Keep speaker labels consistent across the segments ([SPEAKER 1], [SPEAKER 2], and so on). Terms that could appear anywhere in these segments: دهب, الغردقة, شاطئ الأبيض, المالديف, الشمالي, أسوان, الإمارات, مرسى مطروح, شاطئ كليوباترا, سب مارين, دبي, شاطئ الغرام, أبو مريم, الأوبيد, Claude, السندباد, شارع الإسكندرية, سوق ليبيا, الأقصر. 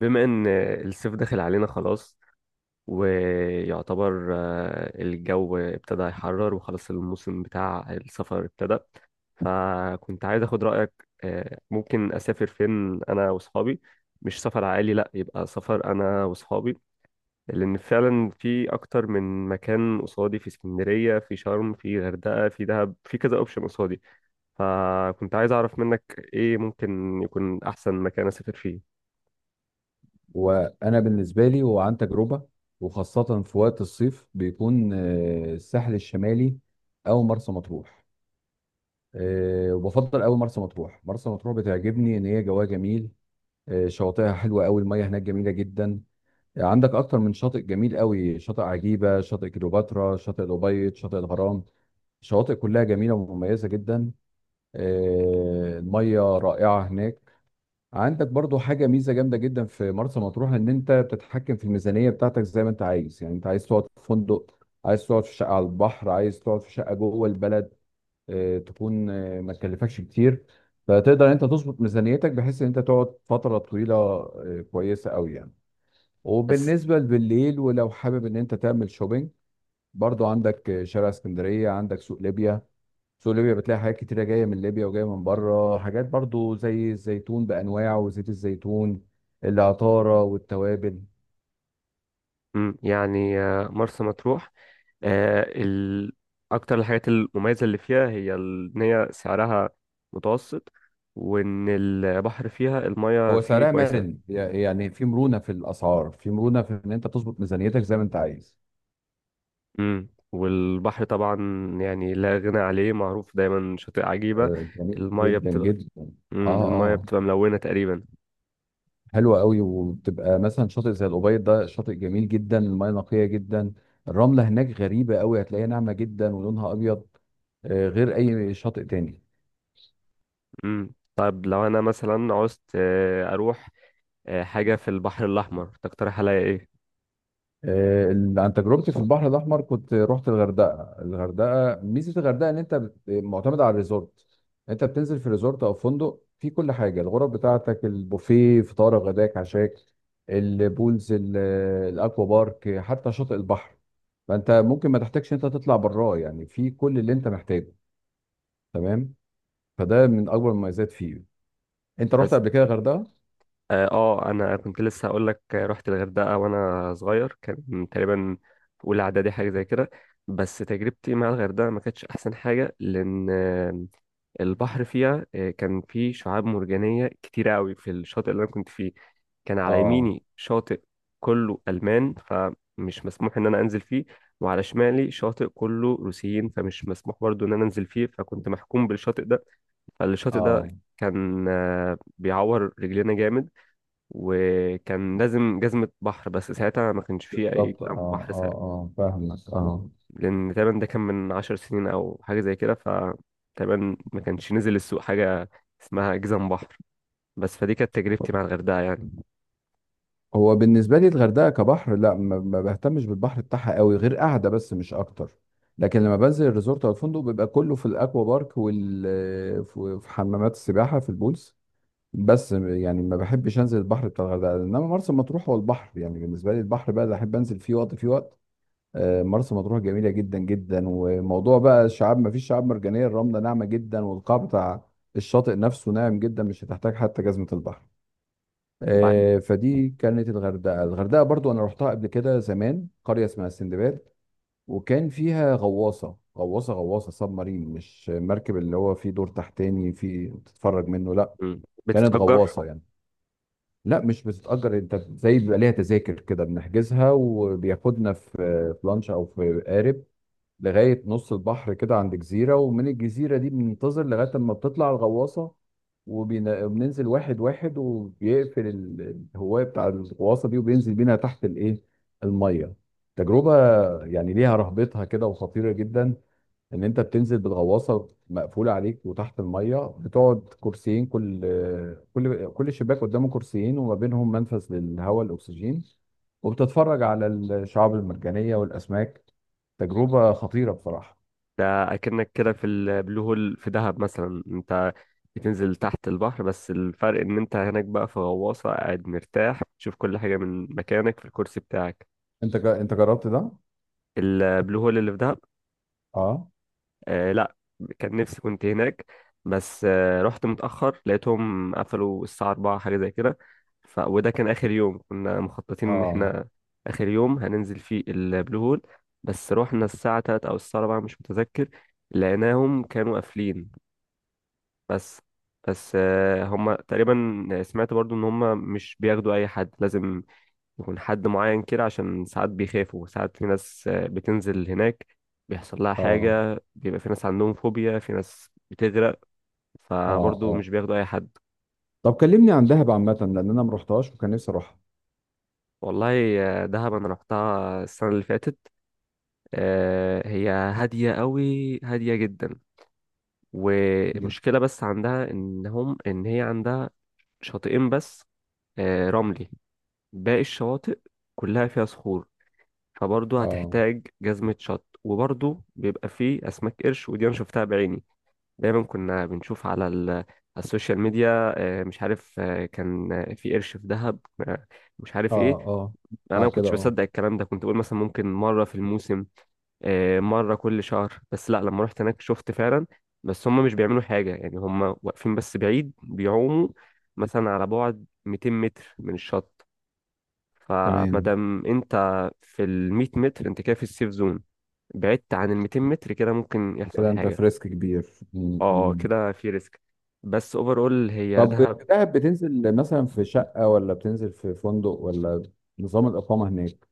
[SPEAKER 1] بما ان الصيف داخل علينا خلاص ويعتبر الجو ابتدى يحرر وخلاص الموسم بتاع السفر ابتدى. فكنت عايز اخد رأيك، ممكن اسافر فين انا واصحابي؟ مش سفر عائلي، لا، يبقى سفر انا واصحابي. لان فعلا في اكتر من مكان قصادي، في اسكندرية، في شرم، في غردقة، في دهب، في كذا اوبشن قصادي. فكنت عايز اعرف منك ايه ممكن يكون احسن مكان اسافر فيه؟
[SPEAKER 2] وانا بالنسبه لي هو عن تجربه، وخاصه في وقت الصيف بيكون الساحل الشمالي او مرسى مطروح. وبفضل قوي مرسى مطروح بتعجبني ان هي جواها جميل. شواطئها حلوه قوي، الميه هناك جميله جدا. عندك اكتر من شاطئ جميل قوي، شاطئ عجيبه، شاطئ كليوباترا، شاطئ الابيض، شاطئ الغرام. الشواطئ كلها جميله ومميزه جدا. الميه رائعه هناك. عندك برضو حاجة ميزة جامدة جدا في مرسى مطروح، ان انت بتتحكم في الميزانية بتاعتك زي ما انت عايز. يعني انت عايز تقعد في فندق، عايز تقعد في شقة على البحر، عايز تقعد في شقة جوه البلد، اه تكون اه ما تكلفكش كتير. فتقدر انت تظبط ميزانيتك بحيث ان انت تقعد فترة طويلة اه كويسة قوي يعني.
[SPEAKER 1] بس.
[SPEAKER 2] وبالنسبة بالليل ولو حابب ان انت تعمل شوبينج، برضو عندك شارع اسكندرية، عندك سوق ليبيا. سوق ليبيا بتلاقي حاجات كتيرة جاية من ليبيا وجاية من بره، حاجات برضو زي الزيتون بأنواعه وزيت الزيتون، العطارة والتوابل.
[SPEAKER 1] مم، يعني مرسى مطروح، آه، ال... أكتر الحاجات المميزة اللي فيها هي إن هي سعرها متوسط، وإن البحر فيها المياه
[SPEAKER 2] هو
[SPEAKER 1] فيه
[SPEAKER 2] سعرها
[SPEAKER 1] كويسة.
[SPEAKER 2] مرن، يعني في مرونة في الأسعار، في مرونة في إن أنت تظبط ميزانيتك زي ما أنت عايز.
[SPEAKER 1] مم. والبحر طبعا يعني لا غنى عليه، معروف دايما شاطئ عجيبة.
[SPEAKER 2] جميل
[SPEAKER 1] المياه
[SPEAKER 2] جدا
[SPEAKER 1] بتبقى
[SPEAKER 2] جدا.
[SPEAKER 1] مم.
[SPEAKER 2] اه،
[SPEAKER 1] المياه
[SPEAKER 2] اه.
[SPEAKER 1] بتبقى ملونة تقريبا.
[SPEAKER 2] حلوة قوي، وبتبقى مثلا شاطئ زي الأوبيد، ده شاطئ جميل جدا، المياه نقية جدا. الرملة هناك غريبة قوي، هتلاقيها ناعمة جدا ولونها أبيض. غير أي شاطئ تاني.
[SPEAKER 1] مم. طب لو أنا مثلا عوزت أروح حاجة في البحر الأحمر، تقترح عليا إيه؟
[SPEAKER 2] عن تجربتي في البحر الاحمر كنت رحت الغردقه. الغردقه ميزه الغردقه ان انت معتمد على الريزورت. انت بتنزل في ريزورت او فندق، في كل حاجه، الغرف بتاعتك، البوفيه، فطارك غداك عشاك، البولز ال- الاكوا بارك، حتى شاطئ البحر. فانت ممكن ما تحتاجش انت تطلع براه، يعني في كل اللي انت محتاجه. تمام. فده من اكبر المميزات فيه. انت رحت
[SPEAKER 1] بس.
[SPEAKER 2] قبل كده الغردقه؟
[SPEAKER 1] اه، انا كنت لسه هقول لك، رحت الغردقه وانا صغير، كان تقريبا في اولى اعدادي حاجه زي كده. بس تجربتي مع الغردقه ما كانتش احسن حاجه، لان البحر فيها كان فيه شعاب مرجانيه كتير قوي في الشاطئ اللي انا كنت فيه. كان على
[SPEAKER 2] اه،
[SPEAKER 1] يميني شاطئ كله المان، فمش مسموح ان انا انزل فيه. وعلى شمالي شاطئ كله روسيين، فمش مسموح برضو ان انا انزل فيه، فكنت محكوم بالشاطئ ده. فالشاطئ ده
[SPEAKER 2] اه.
[SPEAKER 1] كان بيعور رجلينا جامد. وكان لازم جزمة بحر، بس ساعتها ما كانش فيه أي
[SPEAKER 2] بالظبط،
[SPEAKER 1] جزم
[SPEAKER 2] اه
[SPEAKER 1] بحر ساعتها،
[SPEAKER 2] اه اه، فاهمك اه.
[SPEAKER 1] لأن تقريبا ده كان من 10 سنين أو حاجة زي كده. فتقريبا ما كانش نزل السوق حاجة اسمها جزم بحر. بس فدي كانت تجربتي مع الغردقة يعني.
[SPEAKER 2] هو بالنسبه لي الغردقه كبحر لا، ما بهتمش بالبحر بتاعها قوي، غير قاعده بس مش اكتر. لكن لما بنزل الريزورت او الفندق، بيبقى كله في الاكوا بارك في حمامات السباحه، في البولز. بس يعني ما بحبش انزل البحر بتاع الغردقه، انما مرسى مطروح هو البحر يعني بالنسبه لي، البحر بقى اللي احب انزل فيه وقت فيه وقت. مرسى مطروح جميله جدا جدا. وموضوع بقى الشعاب، ما فيش شعاب مرجانيه، الرمله ناعمه جدا، والقاع بتاع الشاطئ نفسه ناعم جدا، مش هتحتاج حتى جزمه البحر.
[SPEAKER 1] وبعد.
[SPEAKER 2] فدي كانت الغردقه. الغردقه برضو انا رحتها قبل كده زمان، قريه اسمها السندباد. وكان فيها غواصه. غواصه سب مارين، مش مركب اللي هو فيه دور تحتاني فيه تتفرج منه، لا،
[SPEAKER 1] مم.
[SPEAKER 2] كانت
[SPEAKER 1] بتتأجر.
[SPEAKER 2] غواصه يعني. لا مش بتتأجر، انت زي بيبقى ليها تذاكر كده، بنحجزها، وبياخدنا في في لانش او في قارب لغاية نص البحر كده، عند جزيرة، ومن الجزيرة دي بننتظر لغاية لما بتطلع الغواصة، وبننزل واحد واحد، وبيقفل الهواية بتاع الغواصة دي، وبينزل بينا تحت الإيه، المية. تجربة يعني ليها رهبتها كده وخطيرة جدا، ان انت بتنزل بالغواصه مقفوله عليك، وتحت الميه بتقعد كرسيين، كل شباك قدامه كرسيين، وما بينهم منفذ للهواء الاكسجين، وبتتفرج على الشعاب المرجانيه والاسماك. تجربه خطيره بصراحه.
[SPEAKER 1] ده أكنك كده في البلو هول في دهب، مثلا أنت بتنزل تحت البحر، بس الفرق إن أنت هناك بقى في غواصة، قاعد مرتاح تشوف كل حاجة من مكانك في الكرسي بتاعك.
[SPEAKER 2] انت جربت ده؟
[SPEAKER 1] البلو هول اللي في دهب؟
[SPEAKER 2] اه.
[SPEAKER 1] آه لا، كان نفسي كنت هناك، بس رحت متأخر لقيتهم قفلوا الساعة 4 حاجة زي كده. وده كان آخر يوم كنا مخططين إن
[SPEAKER 2] اه
[SPEAKER 1] إحنا آخر يوم هننزل فيه البلو هول. بس رحنا الساعة 3 أو الساعة 4 مش متذكر، لقيناهم كانوا قافلين. بس. بس هم تقريبا سمعت برضو إن هم مش بياخدوا أي حد، لازم يكون حد معين كده، عشان ساعات بيخافوا. ساعات في ناس بتنزل هناك بيحصل لها
[SPEAKER 2] اه
[SPEAKER 1] حاجة، بيبقى في ناس عندهم فوبيا، في ناس بتغرق،
[SPEAKER 2] اه
[SPEAKER 1] فبرضه
[SPEAKER 2] اه.
[SPEAKER 1] مش بياخدوا أي حد.
[SPEAKER 2] طب كلمني عن دهب عامه، لان انا ما رحتهاش وكان نفسي اروحها.
[SPEAKER 1] والله دهب أنا رحتها السنة اللي فاتت. هي هادية قوي، هادية جدا.
[SPEAKER 2] جدا.
[SPEAKER 1] ومشكلة بس عندها إن هي عندها شاطئين بس رملي. باقي الشواطئ كلها فيها صخور، فبرضه
[SPEAKER 2] اه،
[SPEAKER 1] هتحتاج جزمة شط. وبرضه بيبقى فيه أسماك قرش، ودي أنا شفتها بعيني. دايما كنا بنشوف على على السوشيال ميديا مش عارف، كان في قرش في دهب، آه، مش عارف
[SPEAKER 2] اه
[SPEAKER 1] إيه.
[SPEAKER 2] اه.
[SPEAKER 1] أنا ما
[SPEAKER 2] بعد كده
[SPEAKER 1] كنتش
[SPEAKER 2] اه.
[SPEAKER 1] بصدق الكلام ده، كنت بقول مثلا ممكن مرة في الموسم، مرة كل شهر. بس لا، لما رحت هناك شفت فعلا. بس هم مش بيعملوا حاجة، يعني هم واقفين بس بعيد بيعوموا، مثلا على بعد 200 متر من الشط.
[SPEAKER 2] تمام.
[SPEAKER 1] فمادام انت في ال 100 متر، انت كده في السيف زون. بعدت عن ال 200 متر كده ممكن يحصل
[SPEAKER 2] كده انت
[SPEAKER 1] حاجة.
[SPEAKER 2] فريسك كبير، م- م.
[SPEAKER 1] كده في ريسك. بس اوفرول هي
[SPEAKER 2] طب
[SPEAKER 1] دهب.
[SPEAKER 2] في دهب بتنزل مثلا في شقة ولا بتنزل في فندق، ولا نظام الإقامة هناك؟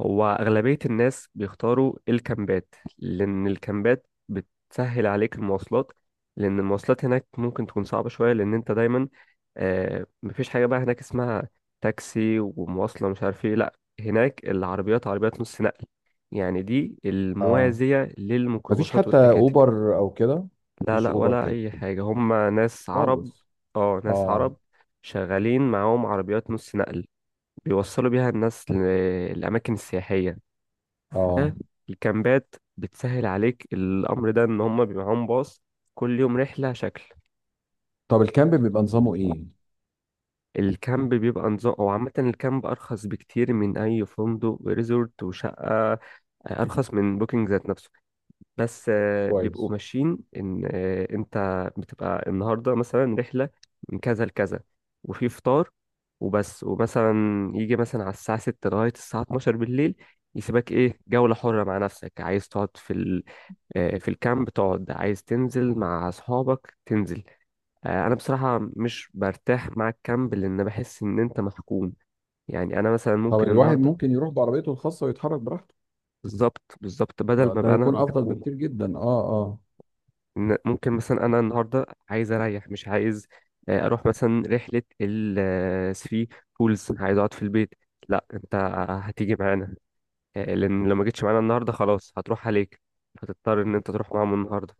[SPEAKER 1] هو أغلبية الناس بيختاروا الكامبات، لأن الكامبات بتسهل عليك المواصلات. لأن المواصلات هناك ممكن تكون صعبة شوية، لأن أنت دايما مفيش حاجة بقى هناك اسمها تاكسي ومواصلة مش عارف ايه. لأ، هناك العربيات عربيات نص نقل، يعني دي
[SPEAKER 2] اه.
[SPEAKER 1] الموازية
[SPEAKER 2] مفيش
[SPEAKER 1] للميكروباصات
[SPEAKER 2] حتى
[SPEAKER 1] والتكاتك.
[SPEAKER 2] أوبر أو كده؟
[SPEAKER 1] لا
[SPEAKER 2] مفيش
[SPEAKER 1] لا،
[SPEAKER 2] أوبر
[SPEAKER 1] ولا
[SPEAKER 2] كده
[SPEAKER 1] اي حاجه، هم ناس عرب.
[SPEAKER 2] خالص؟
[SPEAKER 1] اه، ناس
[SPEAKER 2] اه،
[SPEAKER 1] عرب شغالين معاهم عربيات نص نقل بيوصلوا بيها الناس للاماكن السياحيه.
[SPEAKER 2] اه.
[SPEAKER 1] الكامبات بتسهل عليك الامر ده، ان هم بيبقى معاهم باص كل يوم رحله شكل.
[SPEAKER 2] طب الكامب بيبقى نظامه إيه؟
[SPEAKER 1] الكامب بيبقى نظام او عامه، الكامب ارخص بكتير من اي فندق وريزورت وشقه، ارخص من بوكينج ذات نفسه. بس بيبقوا
[SPEAKER 2] كويس.
[SPEAKER 1] ماشيين ان انت بتبقى النهارده مثلا رحله من كذا لكذا وفي فطار وبس. ومثلا يجي مثلا على الساعه 6 لغايه الساعه 12 بالليل يسيبك، ايه، جوله حره مع نفسك، عايز تقعد في ال... آه، في الكامب تقعد، عايز تنزل مع اصحابك تنزل. انا بصراحه مش برتاح مع الكامب، لان بحس ان انت محكوم. يعني انا مثلا
[SPEAKER 2] طب
[SPEAKER 1] ممكن
[SPEAKER 2] الواحد
[SPEAKER 1] النهارده،
[SPEAKER 2] ممكن يروح بعربيته الخاصة ويتحرك براحته،
[SPEAKER 1] بالظبط، بالظبط بدل ما
[SPEAKER 2] فده
[SPEAKER 1] بقى انا
[SPEAKER 2] هيكون أفضل
[SPEAKER 1] محكوم،
[SPEAKER 2] بكتير جدا، اه اه.
[SPEAKER 1] إن ممكن مثلا انا النهارده عايز اريح، مش عايز اروح مثلا رحله الثري بولز، عايز اقعد في البيت. لا انت هتيجي معانا، لان لو ما جيتش معانا النهارده خلاص هتروح عليك، هتضطر ان انت تروح معاهم النهارده.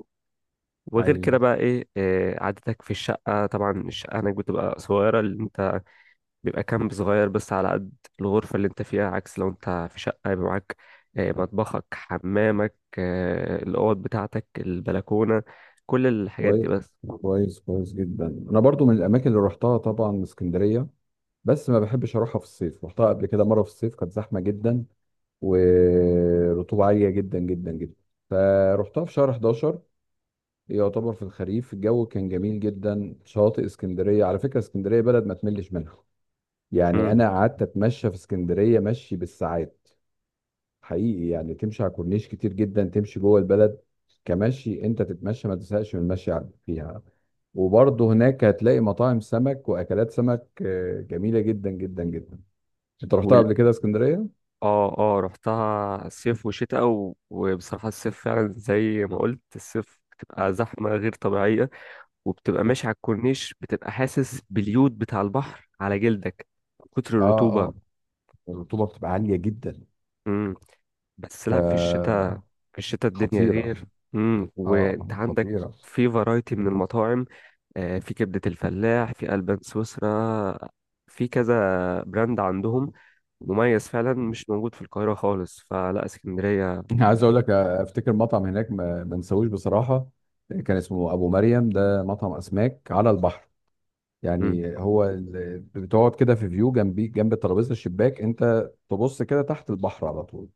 [SPEAKER 1] وغير كده
[SPEAKER 2] ايوه.
[SPEAKER 1] بقى ايه، قعدتك في الشقه، طبعا الشقه هناك بتبقى صغيره اللي انت بيبقى كامب صغير بس على قد الغرفه اللي انت فيها، عكس لو انت في شقه يبقى معاك مطبخك، حمامك، الاوض بتاعتك، البلكونه، كل الحاجات دي
[SPEAKER 2] كويس.
[SPEAKER 1] بس.
[SPEAKER 2] كويس كويس جدا. أنا برضو من الأماكن اللي رحتها طبعا اسكندرية، بس ما بحبش أروحها في الصيف. رحتها قبل كده مرة في الصيف كانت زحمة جدا، ورطوبة عالية جدا جدا جدا. فروحتها في شهر 11، يعتبر في الخريف، الجو كان جميل جدا. شاطئ اسكندرية، على فكرة اسكندرية بلد ما تملش منها، يعني
[SPEAKER 1] امم
[SPEAKER 2] أنا قعدت أتمشى في اسكندرية مشي بالساعات. حقيقي يعني تمشي على كورنيش كتير جدا، تمشي جوه البلد، كمشي أنت تتمشى ما تزهقش من المشي فيها. وبرضه هناك هتلاقي مطاعم سمك وأكلات سمك جميلة جدا جدا جدا. أنت رحتها
[SPEAKER 1] وال...
[SPEAKER 2] قبل كده اسكندرية؟
[SPEAKER 1] اه اه، رحتها صيف وشتاء وبصراحة الصيف فعلا زي ما قلت. الصيف بتبقى زحمة غير طبيعية، وبتبقى ماشي على الكورنيش بتبقى حاسس باليود بتاع البحر على جلدك من كتر
[SPEAKER 2] اه،
[SPEAKER 1] الرطوبة.
[SPEAKER 2] اه. الرطوبه بتبقى عاليه جدا،
[SPEAKER 1] امم بس لا، في الشتاء،
[SPEAKER 2] فخطيرة.
[SPEAKER 1] في الشتاء الدنيا غير. وانت
[SPEAKER 2] اه،
[SPEAKER 1] عندك
[SPEAKER 2] خطيرة.
[SPEAKER 1] في فرايتي من المطاعم، في كبدة الفلاح، في ألبان سويسرا، في كذا براند عندهم مميز فعلا مش موجود في القاهرة خالص، فلا اسكندرية.
[SPEAKER 2] عايز اقول لك افتكر مطعم هناك ما انساهوش بصراحة، كان اسمه ابو مريم، ده مطعم اسماك على البحر.
[SPEAKER 1] مم.
[SPEAKER 2] يعني هو بتقعد كده في فيو، جنبي جنب ترابيزة الشباك، انت تبص كده تحت البحر على طول.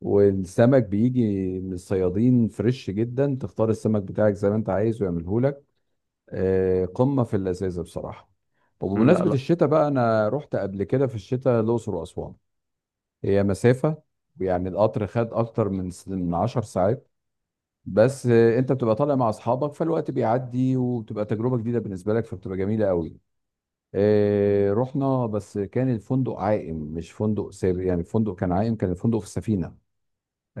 [SPEAKER 2] والسمك بيجي من الصيادين فريش جدا، تختار السمك بتاعك زي ما انت عايز ويعمله لك. قمة في اللذاذة بصراحة.
[SPEAKER 1] مم، لا
[SPEAKER 2] وبمناسبة
[SPEAKER 1] لا.
[SPEAKER 2] الشتاء بقى، انا رحت قبل كده في الشتاء الاقصر واسوان. هي مسافة، ويعني القطر خد أكتر من 10 ساعات، بس أنت بتبقى طالع مع أصحابك فالوقت بيعدي، وبتبقى تجربة جديدة بالنسبة لك، فبتبقى جميلة قوي. رحنا بس كان الفندق عائم، مش فندق سابق يعني، الفندق كان عائم، كان الفندق في السفينة.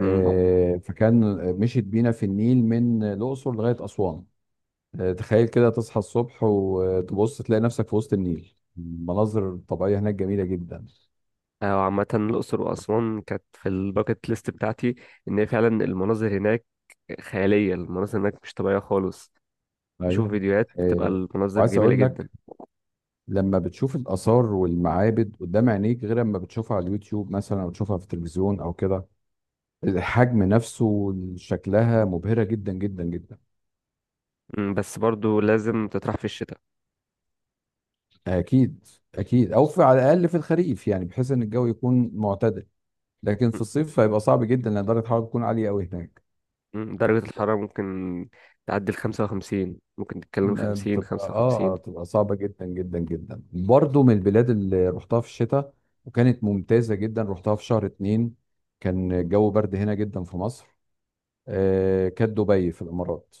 [SPEAKER 1] مم.
[SPEAKER 2] فكان مشيت بينا في النيل من الأقصر لغاية أسوان. تخيل كده، تصحى الصبح وتبص تلاقي نفسك في وسط النيل، المناظر الطبيعية هناك جميلة جدا.
[SPEAKER 1] وعامة الأقصر وأسوان كانت في الباكت ليست بتاعتي. إن هي فعلا المناظر هناك خيالية، المناظر هناك مش طبيعية خالص. بشوف
[SPEAKER 2] أيوه.
[SPEAKER 1] فيديوهات بتبقى
[SPEAKER 2] آه،
[SPEAKER 1] المناظر
[SPEAKER 2] وعايز
[SPEAKER 1] جميلة
[SPEAKER 2] أقول
[SPEAKER 1] جدا.
[SPEAKER 2] لك، لما بتشوف الآثار والمعابد قدام عينيك غير لما بتشوفها على اليوتيوب مثلا أو تشوفها في التلفزيون أو كده. الحجم نفسه، شكلها مبهرة جدا جدا جدا.
[SPEAKER 1] مم، بس برضو لازم تطرح في الشتاء.
[SPEAKER 2] أكيد. أكيد، أو في على الأقل في الخريف، يعني بحيث إن الجو يكون معتدل. لكن
[SPEAKER 1] مم،
[SPEAKER 2] في الصيف هيبقى صعب جدا، لأن درجة الحرارة تكون عالية أوي هناك.
[SPEAKER 1] مم، درجة الحرارة ممكن تعدي الـ55، ممكن تتكلم 50، 55.
[SPEAKER 2] بتبقى صعبة جدا جدا جدا. برضه من البلاد اللي رحتها في الشتاء وكانت ممتازة جدا، رحتها في شهر اتنين، كان الجو برد هنا جدا في مصر، كانت دبي في الامارات.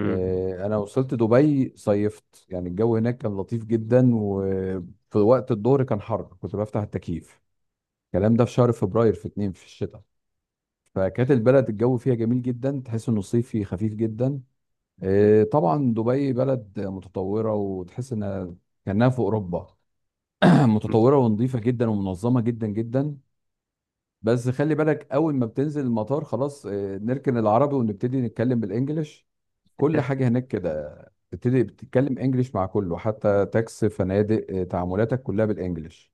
[SPEAKER 2] انا وصلت دبي صيفت، يعني الجو هناك كان لطيف جدا، وفي وقت الظهر كان حر كنت بفتح التكييف. الكلام ده في شهر فبراير في اتنين في الشتاء. فكانت البلد الجو فيها جميل جدا، تحس انه صيفي خفيف جدا. طبعا دبي بلد متطوره، وتحس انها كانها في اوروبا. متطوره ونظيفه جدا ومنظمه جدا جدا. بس خلي بالك اول ما بتنزل المطار خلاص، نركن العربي ونبتدي نتكلم بالانجلش. كل حاجة هناك كده، بتبتدي بتتكلم انجليش مع كله، حتى تاكس فنادق، تعاملاتك كلها بالانجليش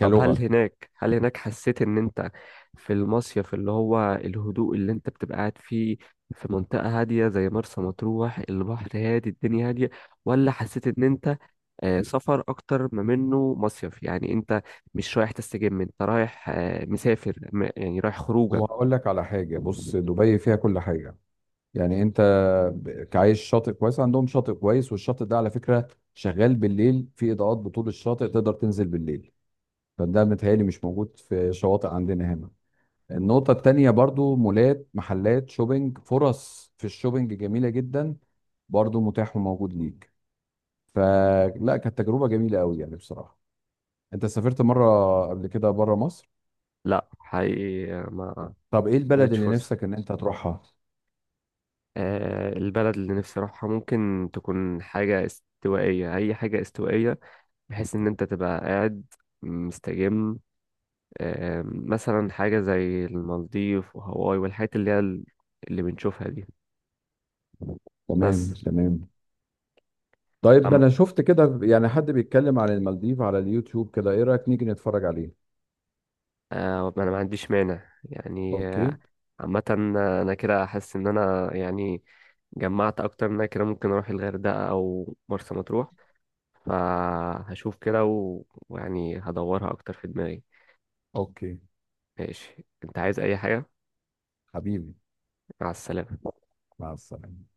[SPEAKER 1] طب، هل هناك هل هناك حسيت ان انت في المصيف اللي هو الهدوء اللي انت بتبقى قاعد فيه في منطقة هادية زي مرسى مطروح، البحر هادي، الدنيا هادية؟ ولا حسيت ان انت سفر اكتر ما منه مصيف، يعني انت مش رايح تستجم، انت رايح مسافر، يعني رايح خروجه؟
[SPEAKER 2] وهقول لك على حاجة، بص دبي فيها كل حاجة، يعني انت عايش شاطئ كويس، عندهم شاطئ كويس، والشاطئ ده على فكرة شغال بالليل، في اضاءات بطول الشاطئ، تقدر تنزل بالليل. فده متهيألي مش موجود في شواطئ عندنا هنا. النقطة التانية برضو، مولات، محلات شوبينج، فرص في الشوبينج جميلة جدا، برضو متاح وموجود ليك. فلا كانت تجربة جميلة قوي يعني بصراحة. انت سافرت مرة قبل كده بره مصر؟
[SPEAKER 1] لا حقيقي،
[SPEAKER 2] طب ايه
[SPEAKER 1] ما
[SPEAKER 2] البلد
[SPEAKER 1] جاتش
[SPEAKER 2] اللي
[SPEAKER 1] فرصة.
[SPEAKER 2] نفسك ان انت تروحها؟
[SPEAKER 1] البلد اللي نفسي اروحها ممكن تكون حاجة استوائية، اي حاجة استوائية بحيث ان انت تبقى قاعد مستجم. مثلا حاجة زي المالديف وهاواي والحاجات اللي هي اللي بنشوفها دي.
[SPEAKER 2] تمام،
[SPEAKER 1] بس.
[SPEAKER 2] تمام. طيب
[SPEAKER 1] أم
[SPEAKER 2] انا شفت كده يعني حد بيتكلم عن المالديف على اليوتيوب كده، ايه رأيك نيجي نتفرج عليه؟
[SPEAKER 1] آه، انا ما عنديش مانع يعني.
[SPEAKER 2] اوكي.
[SPEAKER 1] عامة انا كده حاسس ان انا يعني جمعت اكتر من، أنا كده ممكن اروح الغردقة او مرسى مطروح، فهشوف كده ويعني هدورها اكتر في دماغي.
[SPEAKER 2] اوكي.
[SPEAKER 1] ماشي، انت عايز اي حاجة؟
[SPEAKER 2] حبيبي،
[SPEAKER 1] مع السلامة.
[SPEAKER 2] مع السلامة.